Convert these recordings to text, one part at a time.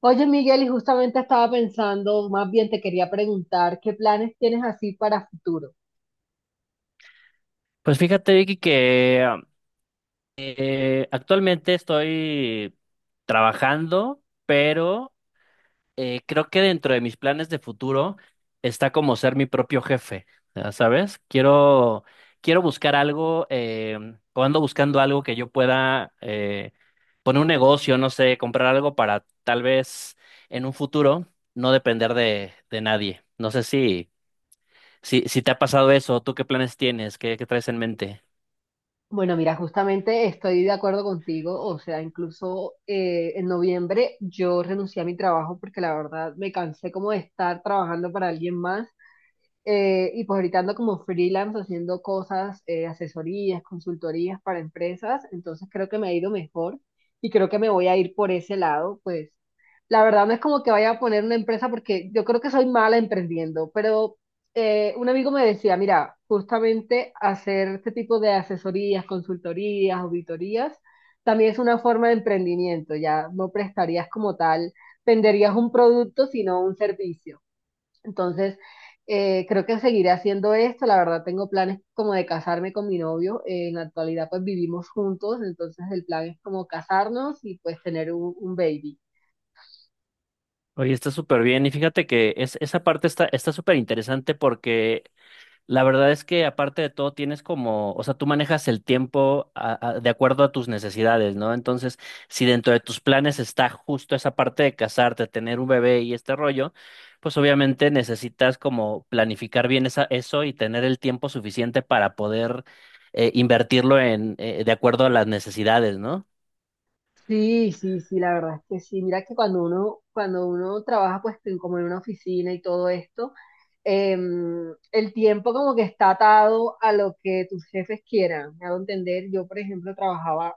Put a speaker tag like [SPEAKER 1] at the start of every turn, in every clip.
[SPEAKER 1] Oye, Miguel, y justamente estaba pensando, más bien te quería preguntar, ¿qué planes tienes así para futuro?
[SPEAKER 2] Pues fíjate, Vicky, que actualmente estoy trabajando, pero creo que dentro de mis planes de futuro está como ser mi propio jefe, ya ¿sabes? Quiero buscar algo, o ando buscando algo que yo pueda poner un negocio, no sé, comprar algo para tal vez en un futuro no depender de nadie. No sé si te ha pasado eso. ¿Tú qué planes tienes? ¿Qué traes en mente?
[SPEAKER 1] Bueno, mira, justamente estoy de acuerdo contigo, o sea, incluso en noviembre yo renuncié a mi trabajo porque la verdad me cansé como de estar trabajando para alguien más. Y pues ahorita ando como freelance haciendo cosas, asesorías, consultorías para empresas, entonces creo que me ha ido mejor y creo que me voy a ir por ese lado, pues la verdad no es como que vaya a poner una empresa porque yo creo que soy mala emprendiendo, pero un amigo me decía, mira, justamente hacer este tipo de asesorías, consultorías, auditorías, también es una forma de emprendimiento, ya no prestarías como tal, venderías un producto, sino un servicio. Entonces, creo que seguiré haciendo esto. La verdad tengo planes como de casarme con mi novio. En la actualidad pues vivimos juntos, entonces el plan es como casarnos y pues tener un baby.
[SPEAKER 2] Oye, está súper bien. Y fíjate que esa parte está súper interesante porque la verdad es que aparte de todo tienes como, o sea, tú manejas el tiempo de acuerdo a tus necesidades, ¿no? Entonces, si dentro de tus planes está justo esa parte de casarte, tener un bebé y este rollo, pues obviamente necesitas como planificar bien eso y tener el tiempo suficiente para poder invertirlo en, de acuerdo a las necesidades, ¿no?
[SPEAKER 1] Sí, sí, sí, la verdad es que sí. Mira que cuando uno trabaja pues como en una oficina y todo esto, el tiempo como que está atado a lo que tus jefes quieran. Me hago entender, yo por ejemplo trabajaba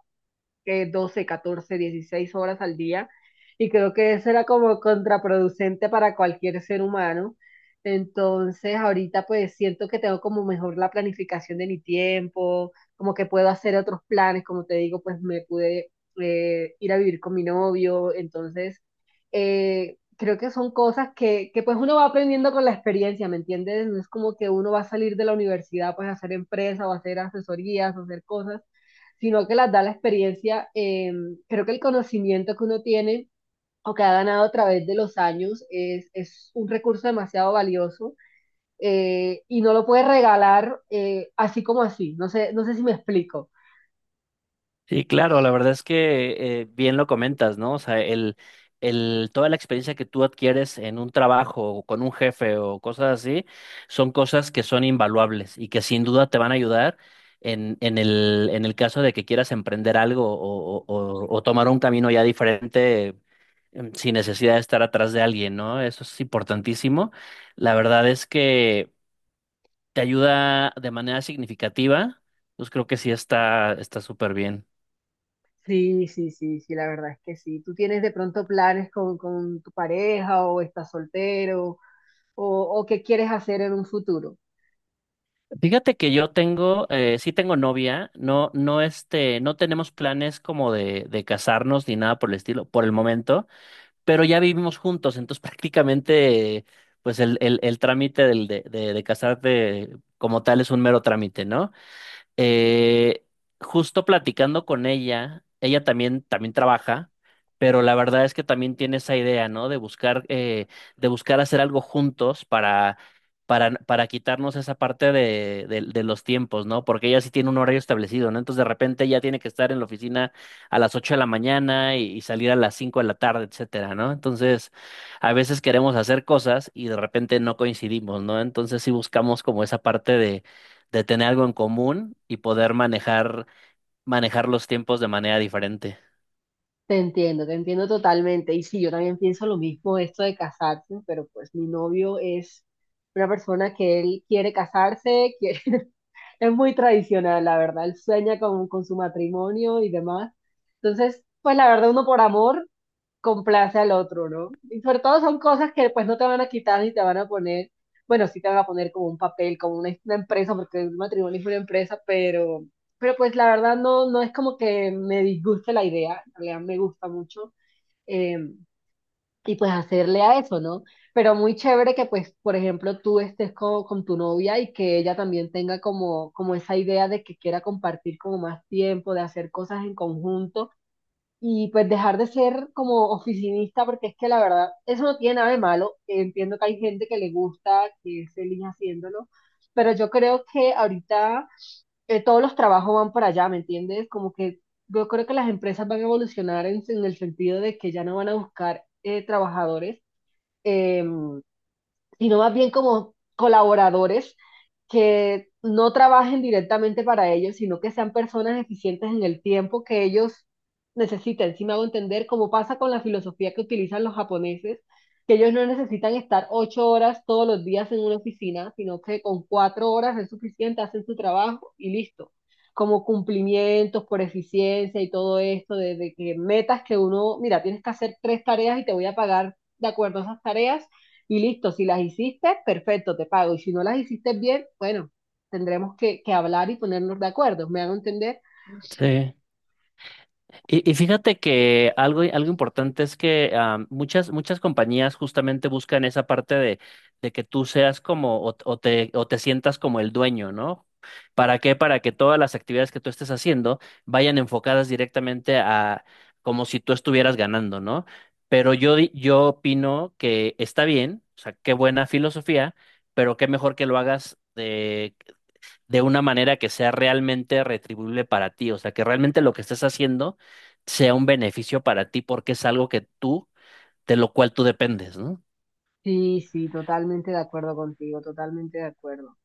[SPEAKER 1] 12 14 16 horas al día y creo que eso era como contraproducente para cualquier ser humano. Entonces, ahorita pues siento que tengo como mejor la planificación de mi tiempo, como que puedo hacer otros planes, como te digo, pues me pude ir a vivir con mi novio. Entonces, creo que son cosas que pues uno va aprendiendo con la experiencia, ¿me entiendes? No es como que uno va a salir de la universidad pues a hacer empresa o a hacer asesorías o hacer cosas, sino que las da la experiencia. Creo que el conocimiento que uno tiene o que ha ganado a través de los años es un recurso demasiado valioso. Y no lo puedes regalar así como así. No sé, no sé si me explico.
[SPEAKER 2] Sí, claro, la verdad es que bien lo comentas, ¿no? O sea, toda la experiencia que tú adquieres en un trabajo o con un jefe o cosas así, son cosas que son invaluables y que sin duda te van a ayudar en el caso de que quieras emprender algo o, o tomar un camino ya diferente, sin necesidad de estar atrás de alguien, ¿no? Eso es importantísimo. La verdad es que te ayuda de manera significativa, pues creo que sí está súper bien.
[SPEAKER 1] Sí, sí, sí, sí, la verdad es que sí. Tú tienes de pronto planes con tu pareja, o estás soltero, o, o qué quieres hacer en un futuro.
[SPEAKER 2] Fíjate que yo tengo, sí tengo novia, no tenemos planes como de casarnos ni nada por el estilo, por el momento, pero ya vivimos juntos, entonces prácticamente, pues el trámite de casarte como tal es un mero trámite, ¿no? Eh, justo platicando con ella, también trabaja, pero la verdad es que también tiene esa idea, ¿no? De buscar hacer algo juntos para quitarnos esa parte de los tiempos, ¿no? Porque ella sí tiene un horario establecido, ¿no? Entonces de repente ella tiene que estar en la oficina a las 8 de la mañana y salir a las 5 de la tarde, etcétera, ¿no? Entonces a veces queremos hacer cosas y de repente no coincidimos, ¿no? Entonces sí buscamos como esa parte de tener algo en común y poder manejar los tiempos de manera diferente.
[SPEAKER 1] Te entiendo totalmente. Y sí, yo también pienso lo mismo, esto de casarse, pero pues mi novio es una persona que él quiere casarse, quiere- es muy tradicional, la verdad. Él sueña con su matrimonio y demás. Entonces, pues la verdad, uno por amor complace al otro, ¿no? Y sobre todo son cosas que pues, no te van a quitar ni te van a poner, bueno, sí te van a poner como un papel, como una empresa, porque el matrimonio es una empresa. Pero pues la verdad no, no es como que me disguste la idea, en realidad me gusta mucho. eh, y pues hacerle a eso, ¿no? Pero muy chévere que pues, por ejemplo, tú estés con tu novia y que ella también tenga como, como esa idea de que quiera compartir como más tiempo, de hacer cosas en conjunto y pues dejar de ser como oficinista, porque es que la verdad, eso no tiene nada de malo. Entiendo que hay gente que le gusta, que es feliz haciéndolo, pero yo creo que ahorita todos los trabajos van para allá, ¿me entiendes? Como que yo creo que las empresas van a evolucionar en el sentido de que ya no van a buscar trabajadores. em, Sino más bien como colaboradores que no trabajen directamente para ellos, sino que sean personas eficientes en el tiempo que ellos necesitan. Si me hago entender, como pasa con la filosofía que utilizan los japoneses, que ellos no necesitan estar 8 horas todos los días en una oficina, sino que con 4 horas es suficiente, hacen su trabajo y listo. Como cumplimientos por eficiencia y todo esto, de que metas que uno, mira, tienes que hacer tres tareas y te voy a pagar de acuerdo a esas tareas y listo, si las hiciste, perfecto, te pago. Y si no las hiciste bien, bueno, tendremos que hablar y ponernos de acuerdo. ¿Me hago entender?
[SPEAKER 2] Sí. Y fíjate que algo importante es que muchas compañías justamente buscan esa parte de que tú seas como o te sientas como el dueño, ¿no? ¿Para qué? Para que todas las actividades que tú estés haciendo vayan enfocadas directamente a como si tú estuvieras ganando, ¿no? Pero yo, yo opino que está bien, o sea, qué buena filosofía, pero qué mejor que lo hagas de una manera que sea realmente retribuible para ti, o sea, que realmente lo que estés haciendo sea un beneficio para ti porque es algo que tú, de lo cual tú dependes, ¿no?
[SPEAKER 1] Sí, sí, totalmente de acuerdo contigo, totalmente de acuerdo.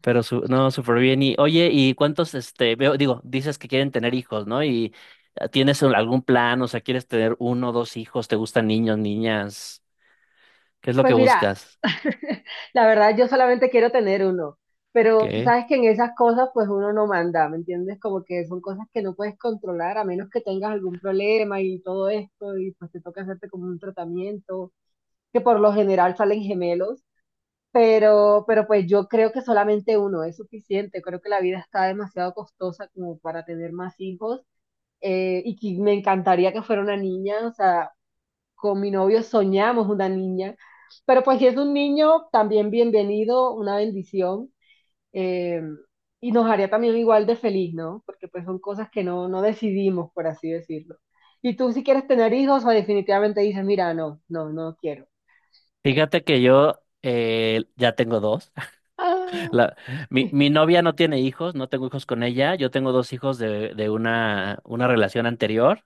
[SPEAKER 2] Pero su, no, súper bien. Y oye, ¿y cuántos, este, veo, digo, dices que quieren tener hijos, ¿no? ¿Y tienes algún plan? O sea, ¿quieres tener uno o dos hijos? ¿Te gustan niños, niñas? ¿Qué es lo
[SPEAKER 1] Pues
[SPEAKER 2] que
[SPEAKER 1] mira,
[SPEAKER 2] buscas?
[SPEAKER 1] la verdad yo solamente quiero tener uno, pero tú
[SPEAKER 2] ¿Qué?
[SPEAKER 1] sabes que en esas cosas pues uno no manda, ¿me entiendes? Como que son cosas que no puedes controlar a menos que tengas algún problema y todo esto y pues te toca hacerte como un tratamiento, que por lo general salen gemelos. Pero pues yo creo que solamente uno es suficiente. Creo que la vida está demasiado costosa como para tener más hijos. Y que me encantaría que fuera una niña. O sea, con mi novio soñamos una niña. Pero pues si es un niño, también bienvenido, una bendición. eh, y nos haría también igual de feliz, ¿no? Porque pues son cosas que no, no decidimos, por así decirlo. Y tú, si quieres tener hijos o definitivamente dices, mira, no, no, no quiero.
[SPEAKER 2] Fíjate que yo ya tengo dos. La, mi novia no tiene hijos, no tengo hijos con ella. Yo tengo dos hijos de una relación anterior.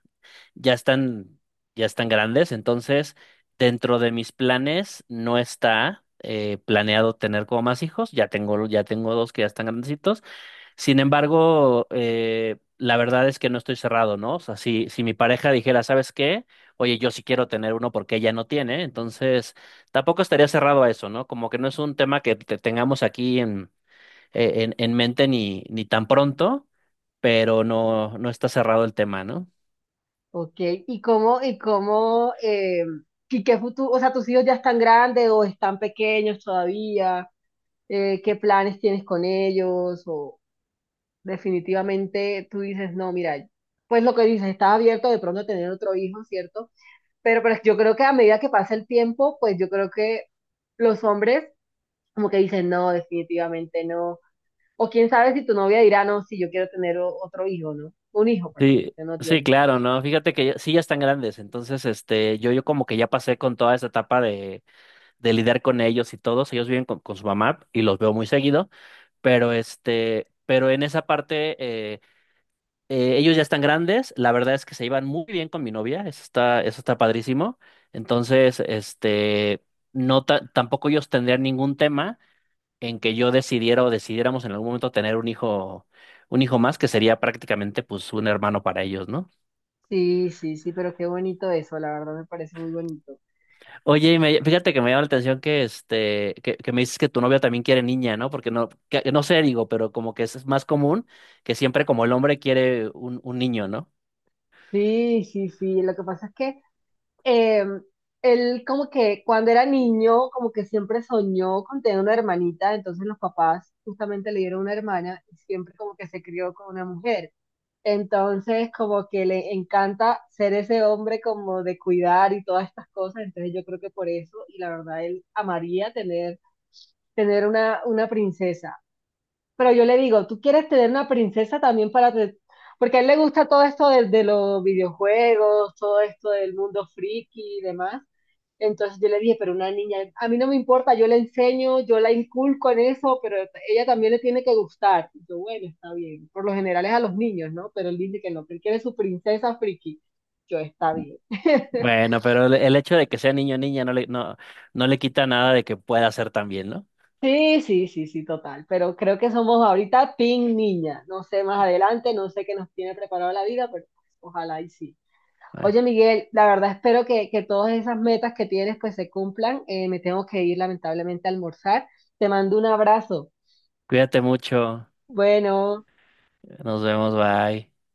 [SPEAKER 2] Ya están, ya están grandes, entonces dentro de mis planes no está planeado tener como más hijos. Ya tengo dos que ya están grandecitos. Sin embargo, la verdad es que no estoy cerrado, ¿no? O sea, si, si mi pareja dijera, ¿sabes qué? Oye, yo sí quiero tener uno porque ella no tiene, entonces tampoco estaría cerrado a eso, ¿no? Como que no es un tema que tengamos aquí en en mente ni tan pronto, pero no, no está cerrado el tema, ¿no?
[SPEAKER 1] Ok, ¿y cómo, y qué futuro, o sea, tus hijos ya están grandes o están pequeños todavía? ¿Qué planes tienes con ellos? O definitivamente tú dices, no, mira, pues lo que dices, estás abierto de pronto a tener otro hijo, ¿cierto? Pero yo creo que a medida que pasa el tiempo, pues yo creo que los hombres como que dicen, no, definitivamente no. O quién sabe si tu novia dirá, no, si yo quiero tener otro hijo, ¿no? Un hijo, perdón,
[SPEAKER 2] Sí,
[SPEAKER 1] que no
[SPEAKER 2] sí,
[SPEAKER 1] tiene.
[SPEAKER 2] claro, ¿no? Fíjate que sí ya están grandes, entonces este, yo como que ya pasé con toda esa etapa de lidiar con ellos y todos, ellos viven con su mamá y los veo muy seguido, pero este, pero en esa parte eh, ellos ya están grandes, la verdad es que se iban muy bien con mi novia, eso está padrísimo, entonces este, no tampoco ellos tendrían ningún tema en que yo decidiera o decidiéramos en algún momento tener un hijo más, que sería prácticamente pues un hermano para ellos, ¿no?
[SPEAKER 1] Sí, sí, sí, pero qué bonito eso, la verdad me parece muy bonito.
[SPEAKER 2] Oye, y fíjate que me llama la atención que este, que me dices que tu novia también quiere niña, ¿no? Porque no, que no sé, digo, pero como que es más común que siempre como el hombre quiere un niño, ¿no?
[SPEAKER 1] Sí, sí, sí, lo que pasa es que eh, él como que cuando era niño, como que siempre soñó con tener una hermanita. Entonces los papás justamente le dieron una hermana y siempre como que se crió con una mujer. Entonces como que le encanta ser ese hombre como de cuidar y todas estas cosas, entonces yo creo que por eso, y la verdad él amaría tener, una princesa. Pero yo le digo, ¿tú quieres tener una princesa también para...? Te- Porque a él le gusta todo esto de los videojuegos, todo esto del mundo friki y demás. Entonces yo le dije, pero una niña, a mí no me importa, yo le enseño, yo la inculco en eso, pero ella también le tiene que gustar. Y yo, bueno, está bien. Por lo general es a los niños, ¿no? Pero él dice que no, que él quiere su princesa friki. Yo, está bien.
[SPEAKER 2] Bueno, pero el hecho de que sea niño o niña no le, no, no le quita nada de que pueda ser también, ¿no?
[SPEAKER 1] Sí, sí, sí, sí, total. Pero creo que somos ahorita team niña. No sé más adelante, no sé qué nos tiene preparado la vida, pero pues, ojalá y sí.
[SPEAKER 2] Bueno,
[SPEAKER 1] Oye, Miguel, la verdad espero que todas esas metas que tienes pues se cumplan. Me tengo que ir lamentablemente a almorzar. Te mando un abrazo.
[SPEAKER 2] cuídate mucho,
[SPEAKER 1] Bueno.
[SPEAKER 2] nos vemos, bye.